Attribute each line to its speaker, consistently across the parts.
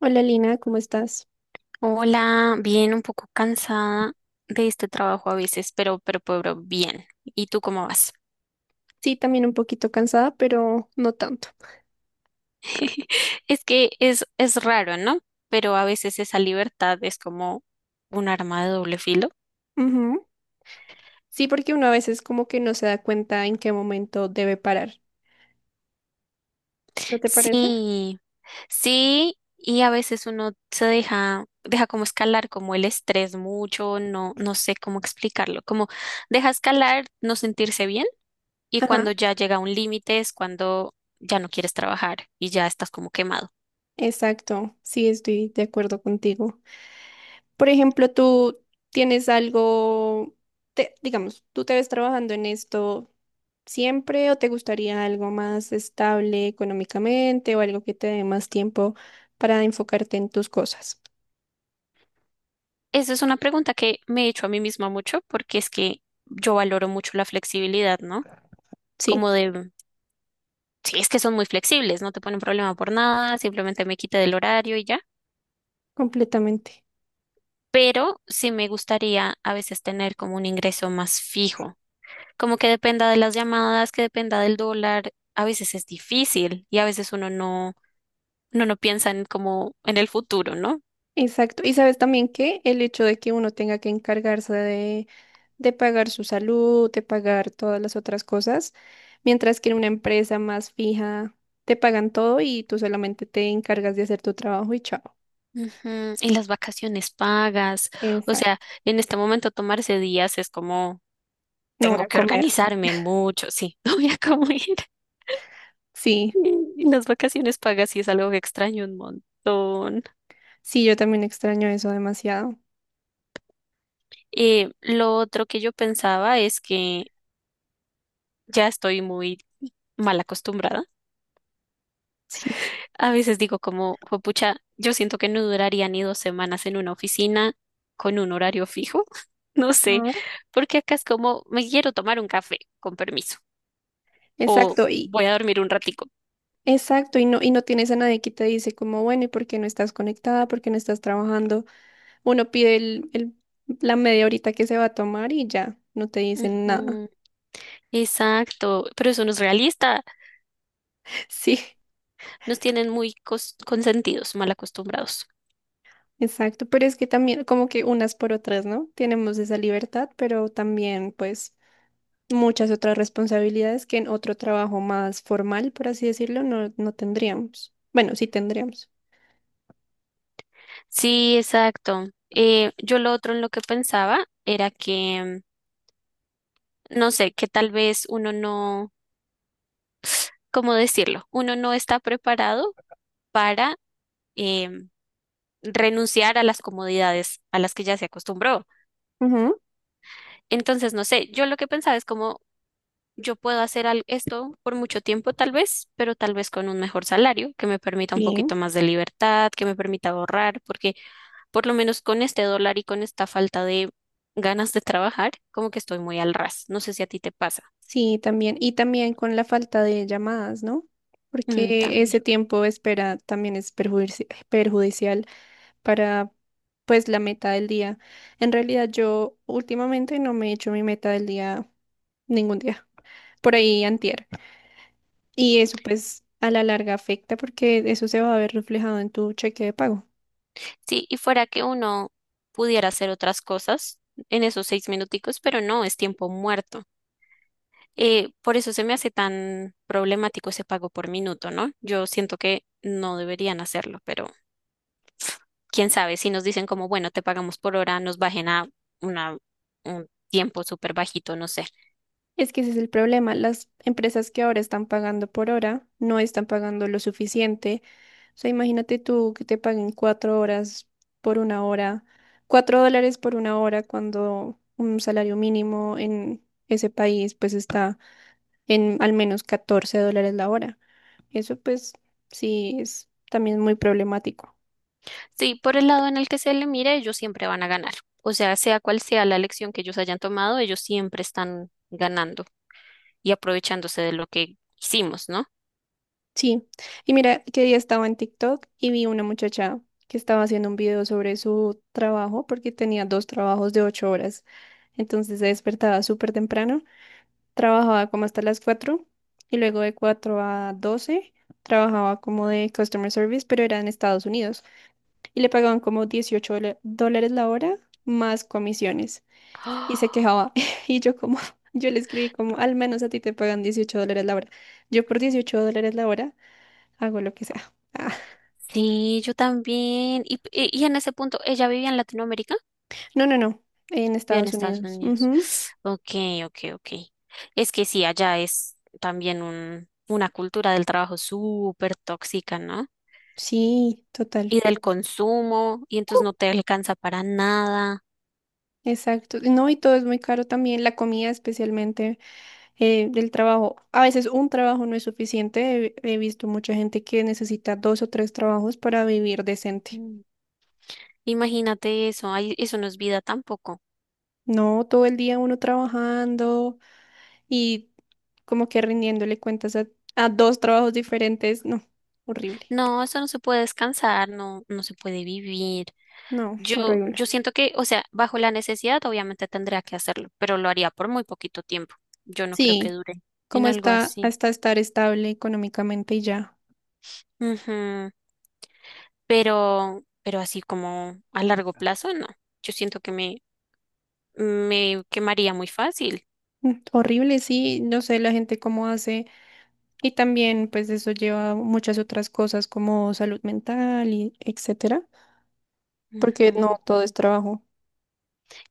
Speaker 1: Hola Lina, ¿cómo estás?
Speaker 2: Hola, bien, un poco cansada de este trabajo a veces, pero bien. ¿Y tú cómo vas?
Speaker 1: Sí, también un poquito cansada, pero no tanto.
Speaker 2: Es que es raro, ¿no? Pero a veces esa libertad es como un arma de doble filo.
Speaker 1: Ujú. Sí, porque uno a veces como que no se da cuenta en qué momento debe parar. ¿No te parece?
Speaker 2: Sí, sí, y a veces uno se deja como escalar como el estrés mucho, no, no sé cómo explicarlo, como deja escalar, no sentirse bien, y
Speaker 1: Ajá.
Speaker 2: cuando ya llega un límite es cuando ya no quieres trabajar y ya estás como quemado.
Speaker 1: Exacto, sí, estoy de acuerdo contigo. Por ejemplo, tú tienes algo, digamos, ¿tú, te ves trabajando en esto siempre o te gustaría algo más estable económicamente o algo que te dé más tiempo para enfocarte en tus cosas?
Speaker 2: Esa es una pregunta que me he hecho a mí misma mucho porque es que yo valoro mucho la flexibilidad, ¿no?
Speaker 1: Sí,
Speaker 2: Como de, mm, sí, es que son muy flexibles, no te ponen problema por nada, simplemente me quita del horario y ya.
Speaker 1: completamente.
Speaker 2: Pero sí me gustaría a veces tener como un ingreso más fijo, como que dependa de las llamadas, que dependa del dólar. A veces es difícil y a veces uno no piensa en como en el futuro, ¿no?
Speaker 1: Exacto. Y sabes también que el hecho de que uno tenga que encargarse de pagar su salud, de pagar todas las otras cosas, mientras que en una empresa más fija te pagan todo y tú solamente te encargas de hacer tu trabajo y chao.
Speaker 2: Ujú. Y las vacaciones pagas, o sea,
Speaker 1: Exacto.
Speaker 2: en este momento tomarse días es como
Speaker 1: No voy
Speaker 2: tengo
Speaker 1: a
Speaker 2: que
Speaker 1: comer.
Speaker 2: organizarme mucho, sí, no voy a comer.
Speaker 1: Sí,
Speaker 2: Y las vacaciones pagas sí es algo que extraño un montón.
Speaker 1: sí, yo también extraño eso demasiado.
Speaker 2: Lo otro que yo pensaba es que ya estoy muy mal acostumbrada.
Speaker 1: Sí.
Speaker 2: A veces digo como, pucha, yo siento que no duraría ni 2 semanas en una oficina con un horario fijo. No sé,
Speaker 1: Ajá.
Speaker 2: porque acá es como, me quiero tomar un café, con permiso, o
Speaker 1: Exacto, y
Speaker 2: voy a dormir un ratico.
Speaker 1: exacto, y no, tienes a nadie que te dice como, bueno, ¿y por qué no estás conectada? ¿Por qué no estás trabajando? Uno pide la media horita que se va a tomar y ya, no te dicen nada.
Speaker 2: Mm, exacto, pero eso no es realista.
Speaker 1: Sí,
Speaker 2: Nos tienen muy consentidos, mal acostumbrados.
Speaker 1: exacto, pero es que también como que unas por otras, ¿no? Tenemos esa libertad, pero también pues muchas otras responsabilidades que en otro trabajo más formal, por así decirlo, no tendríamos. Bueno, sí tendríamos.
Speaker 2: Sí, exacto. Yo lo otro en lo que pensaba era que, no sé, que tal vez uno no, ¿cómo decirlo? Uno no está preparado para em, renunciar a las comodidades a las que ya se acostumbró.
Speaker 1: Ujú.
Speaker 2: Entonces, no sé, yo lo que pensaba es como yo puedo hacer esto por mucho tiempo tal vez, pero tal vez con un mejor salario que me permita un
Speaker 1: Sí,
Speaker 2: poquito más de libertad, que me permita ahorrar, porque por lo menos con este dólar y con esta falta de ganas de trabajar, como que estoy muy al ras. No sé si a ti te pasa.
Speaker 1: sí, también. Y también con la falta de llamadas, ¿no?
Speaker 2: Mm,
Speaker 1: Porque
Speaker 2: también.
Speaker 1: ese tiempo de espera también es perjudicial para pues la meta del día. En realidad yo últimamente no me he hecho mi meta del día ningún día, por ahí antier. Y eso pues a la larga afecta porque eso se va a ver reflejado en tu cheque de pago.
Speaker 2: Sí, y fuera que uno pudiera hacer otras cosas en esos 6 minuticos, pero no, es tiempo muerto. Por eso se me hace tan problemático ese pago por minuto, ¿no? Yo siento que no deberían hacerlo, pero quién sabe, si nos dicen como, bueno, te pagamos por hora, nos bajen a una, un tiempo súper bajito, no sé.
Speaker 1: Es que ese es el problema, las empresas que ahora están pagando por hora no están pagando lo suficiente. O sea, imagínate tú que te paguen 4 horas por una hora, $4 por una hora cuando un salario mínimo en ese país pues está en al menos $14 la hora. Eso pues sí es también muy problemático.
Speaker 2: Sí, por el lado en el que se le mire, ellos siempre van a ganar. O sea, sea cual sea la elección que ellos hayan tomado, ellos siempre están ganando y aprovechándose de lo que hicimos, ¿no?
Speaker 1: Sí, y mira, que día estaba en TikTok y vi una muchacha que estaba haciendo un video sobre su trabajo porque tenía dos trabajos de 8 horas. Entonces se despertaba súper temprano, trabajaba como hasta las 4 y luego de 4 a 12 trabajaba como de customer service, pero era en Estados Unidos y le pagaban como 18 dólares la hora más comisiones. Y se
Speaker 2: ¡Ah!
Speaker 1: quejaba. Y yo como, yo le escribí como, al menos a ti te pagan $18 la hora. Yo por $18 la hora hago lo que sea. Ah,
Speaker 2: Sí, yo también. Y en ese punto, ¿ella vivía en Latinoamérica?
Speaker 1: no, no, no, en
Speaker 2: Vivía en
Speaker 1: Estados
Speaker 2: Estados
Speaker 1: Unidos.
Speaker 2: Unidos.
Speaker 1: Ujú.
Speaker 2: Ok, ok, ok. Es que sí, allá es también una cultura del trabajo súper tóxica, ¿no?
Speaker 1: Sí, total.
Speaker 2: Y del consumo, y entonces no te alcanza para nada.
Speaker 1: Exacto. No, y todo es muy caro también, la comida especialmente, el trabajo. A veces un trabajo no es suficiente. He visto mucha gente que necesita dos o tres trabajos para vivir decente.
Speaker 2: Imagínate eso, ay, eso no es vida tampoco.
Speaker 1: No, todo el día uno trabajando y como que rindiéndole cuentas a, dos trabajos diferentes, no, horrible,
Speaker 2: No, eso no se puede descansar, no, no se puede vivir.
Speaker 1: no,
Speaker 2: Yo,
Speaker 1: horrible.
Speaker 2: yo siento que, o sea, bajo la necesidad obviamente tendría que hacerlo, pero lo haría por muy poquito tiempo. Yo no creo que
Speaker 1: Sí,
Speaker 2: dure
Speaker 1: como
Speaker 2: en algo
Speaker 1: está
Speaker 2: así.
Speaker 1: hasta estar estable económicamente y ya.
Speaker 2: Ujú. Pero así como a largo plazo, no. Yo siento que me quemaría muy fácil.
Speaker 1: Horrible, sí, no sé la gente cómo hace y también pues eso lleva a muchas otras cosas como salud mental y etcétera, porque
Speaker 2: Ujú.
Speaker 1: no todo es trabajo.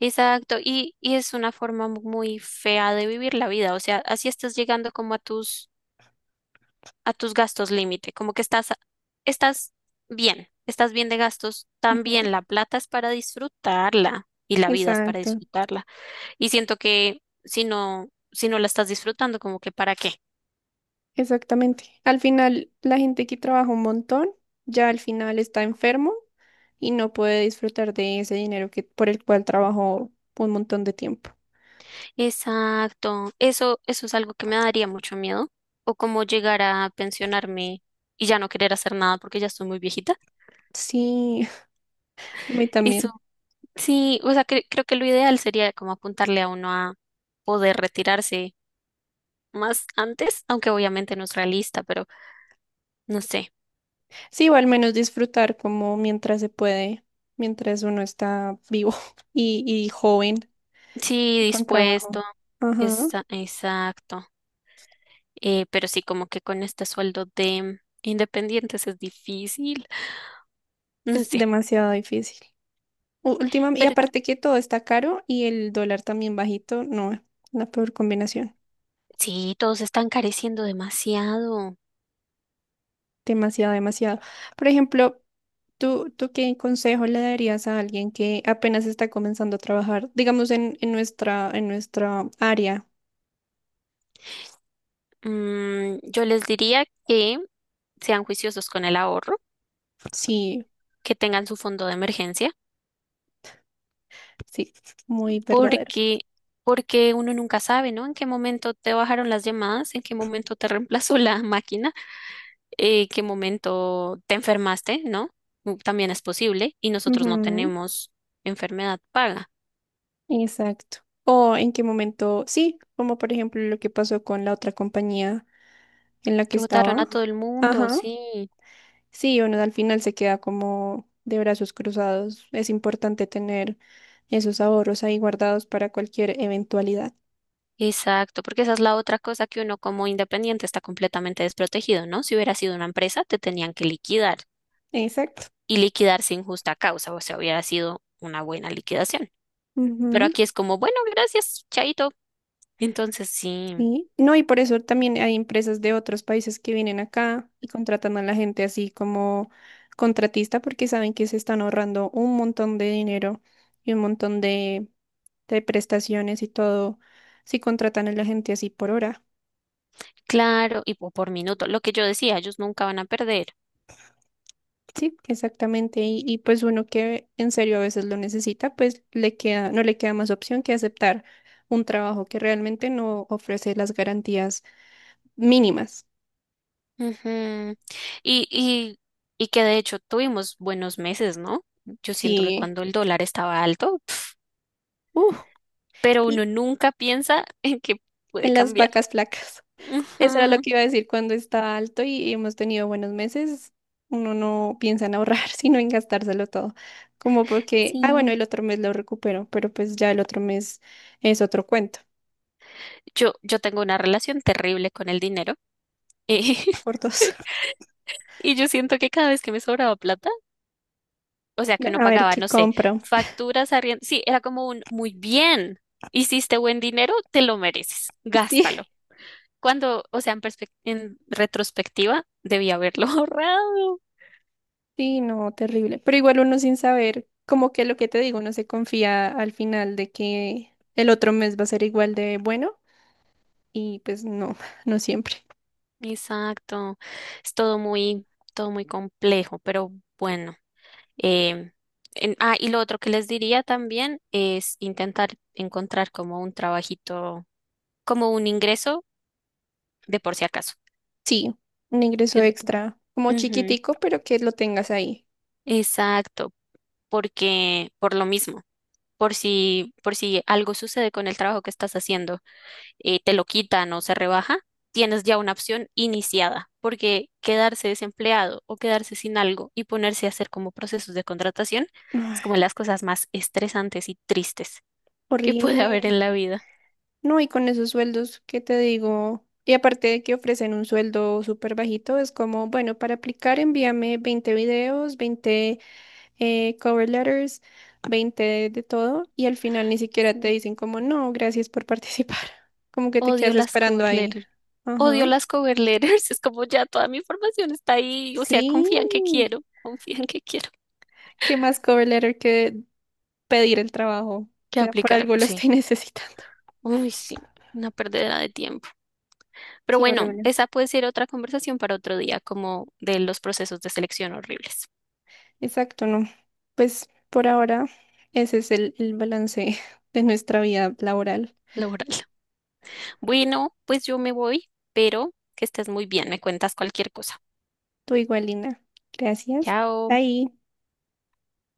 Speaker 2: Exacto, y es una forma muy fea de vivir la vida, o sea, así estás llegando como a tus gastos límite, como que estás bien, estás bien de gastos
Speaker 1: Ujú,
Speaker 2: también. La plata es para disfrutarla y la vida es para
Speaker 1: exacto.
Speaker 2: disfrutarla. Y siento que si no la estás disfrutando, como que para qué.
Speaker 1: Exactamente. Al final, la gente que trabaja un montón, ya al final está enfermo y no puede disfrutar de ese dinero que, por el cual trabajó un montón de tiempo.
Speaker 2: Exacto. Eso es algo que me daría mucho miedo. O como llegar a pensionarme y ya no querer hacer nada porque ya estoy muy viejita.
Speaker 1: Sí, a mí también.
Speaker 2: Eso, sí, o sea, creo que lo ideal sería como apuntarle a uno a poder retirarse más antes, aunque obviamente no es realista, pero no sé.
Speaker 1: Sí, o al menos disfrutar como mientras se puede, mientras uno está vivo y joven
Speaker 2: Sí,
Speaker 1: y con
Speaker 2: dispuesto.
Speaker 1: trabajo. Ajá,
Speaker 2: Exacto. Pero sí, como que con este sueldo de independientes es difícil. No
Speaker 1: es
Speaker 2: sé.
Speaker 1: demasiado difícil. Últimamente, y
Speaker 2: Pero
Speaker 1: aparte que todo está caro y el dólar también bajito, no, la peor combinación.
Speaker 2: sí, todos están careciendo demasiado.
Speaker 1: Demasiado, demasiado. Por ejemplo, ¿tú qué consejo le darías a alguien que apenas está comenzando a trabajar, digamos, en, en nuestra área?
Speaker 2: Yo les diría que sean juiciosos con el ahorro,
Speaker 1: Sí,
Speaker 2: que tengan su fondo de emergencia,
Speaker 1: sí, muy verdadero.
Speaker 2: porque, porque uno nunca sabe, ¿no? En qué momento te bajaron las llamadas, en qué momento te reemplazó la máquina. Qué momento te enfermaste, ¿no? También es posible y nosotros no
Speaker 1: Ujú,
Speaker 2: tenemos enfermedad paga.
Speaker 1: exacto. O en qué momento, sí, como por ejemplo lo que pasó con la otra compañía en la que
Speaker 2: Que votaron
Speaker 1: estaba.
Speaker 2: a todo el mundo,
Speaker 1: Ajá.
Speaker 2: sí.
Speaker 1: Sí, uno al final se queda como de brazos cruzados. Es importante tener esos ahorros ahí guardados para cualquier eventualidad.
Speaker 2: Exacto, porque esa es la otra cosa que uno como independiente está completamente desprotegido, ¿no? Si hubiera sido una empresa, te tenían que liquidar
Speaker 1: Exacto.
Speaker 2: y liquidar sin justa causa, o sea, hubiera sido una buena liquidación. Pero
Speaker 1: Ujú,
Speaker 2: aquí es como, bueno, gracias, chaito. Entonces, sí,
Speaker 1: sí. No, y por eso también hay empresas de otros países que vienen acá y contratan a la gente así como contratista porque saben que se están ahorrando un montón de dinero y un montón de, prestaciones y todo si contratan a la gente así por hora.
Speaker 2: claro, y por minuto, lo que yo decía, ellos nunca van a perder.
Speaker 1: Sí, exactamente. Y pues uno que en serio a veces lo necesita, pues le queda, no le queda más opción que aceptar un trabajo que realmente no ofrece las garantías mínimas.
Speaker 2: Ujú. Y, y, y que de hecho tuvimos buenos meses, ¿no? Yo siento que
Speaker 1: Sí.
Speaker 2: cuando el dólar estaba alto,
Speaker 1: Uf.
Speaker 2: pero uno nunca piensa en que puede
Speaker 1: En las
Speaker 2: cambiar.
Speaker 1: vacas flacas. Eso era lo
Speaker 2: Ujú.
Speaker 1: que iba a decir cuando está alto y hemos tenido buenos meses. Uno no piensa en ahorrar, sino en gastárselo todo. Como porque, ah, bueno,
Speaker 2: Sí.
Speaker 1: el otro mes lo recupero, pero pues ya el otro mes es otro cuento
Speaker 2: Yo tengo una relación terrible con el dinero eh,
Speaker 1: por dos.
Speaker 2: y yo siento que cada vez que me sobraba plata, o sea, que uno
Speaker 1: A ver
Speaker 2: pagaba,
Speaker 1: qué
Speaker 2: no sé,
Speaker 1: compro.
Speaker 2: facturas, arriendo, sí, era como un muy bien, hiciste buen dinero, te lo mereces,
Speaker 1: Sí,
Speaker 2: gástalo. Cuando, o sea, en retrospectiva, debía haberlo ahorrado.
Speaker 1: sí, no, terrible. Pero igual uno sin saber, como que lo que te digo, uno se confía al final de que el otro mes va a ser igual de bueno y pues no, no siempre.
Speaker 2: Exacto, es todo muy complejo, pero bueno. em, y lo otro que les diría también es intentar encontrar como un trabajito, como un ingreso de por si acaso,
Speaker 1: Sí, un ingreso
Speaker 2: ¿cierto?
Speaker 1: extra, como
Speaker 2: Ujú.
Speaker 1: chiquitico, pero que lo tengas ahí.
Speaker 2: Exacto, porque por lo mismo, por si algo sucede con el trabajo que estás haciendo. Te lo quitan o se rebaja, tienes ya una opción iniciada, porque quedarse desempleado o quedarse sin algo y ponerse a hacer como procesos de contratación es como
Speaker 1: Ay,
Speaker 2: las cosas más estresantes y tristes que puede haber
Speaker 1: horrible.
Speaker 2: en la vida.
Speaker 1: No, y con esos sueldos, ¿qué te digo? Y aparte de que ofrecen un sueldo súper bajito, es como, bueno, para aplicar envíame 20 videos, 20 cover letters, 20 de, todo, y al final ni siquiera
Speaker 2: Sí.
Speaker 1: te dicen como, no, gracias por participar. Como que te
Speaker 2: Odio
Speaker 1: quedas
Speaker 2: las
Speaker 1: esperando
Speaker 2: cover
Speaker 1: ahí.
Speaker 2: letters. Odio
Speaker 1: Ajá.
Speaker 2: las cover letters. Es como ya toda mi información está ahí. O sea,
Speaker 1: Sí.
Speaker 2: confían que quiero. Confían que quiero.
Speaker 1: ¿Qué más cover letter que pedir el trabajo? O
Speaker 2: Que
Speaker 1: sea, por
Speaker 2: aplicar.
Speaker 1: algo lo
Speaker 2: Sí.
Speaker 1: estoy necesitando.
Speaker 2: Uy, sí. Una perdedera de tiempo. Pero
Speaker 1: Sí,
Speaker 2: bueno,
Speaker 1: horrible.
Speaker 2: esa puede ser otra conversación para otro día, como de los procesos de selección horribles
Speaker 1: Exacto, no. Pues por ahora ese es el balance de nuestra vida laboral.
Speaker 2: laboral. Bueno, pues yo me voy, pero que estés muy bien, me cuentas cualquier cosa.
Speaker 1: Tú igual, Lina. Gracias.
Speaker 2: Chao.
Speaker 1: Bye.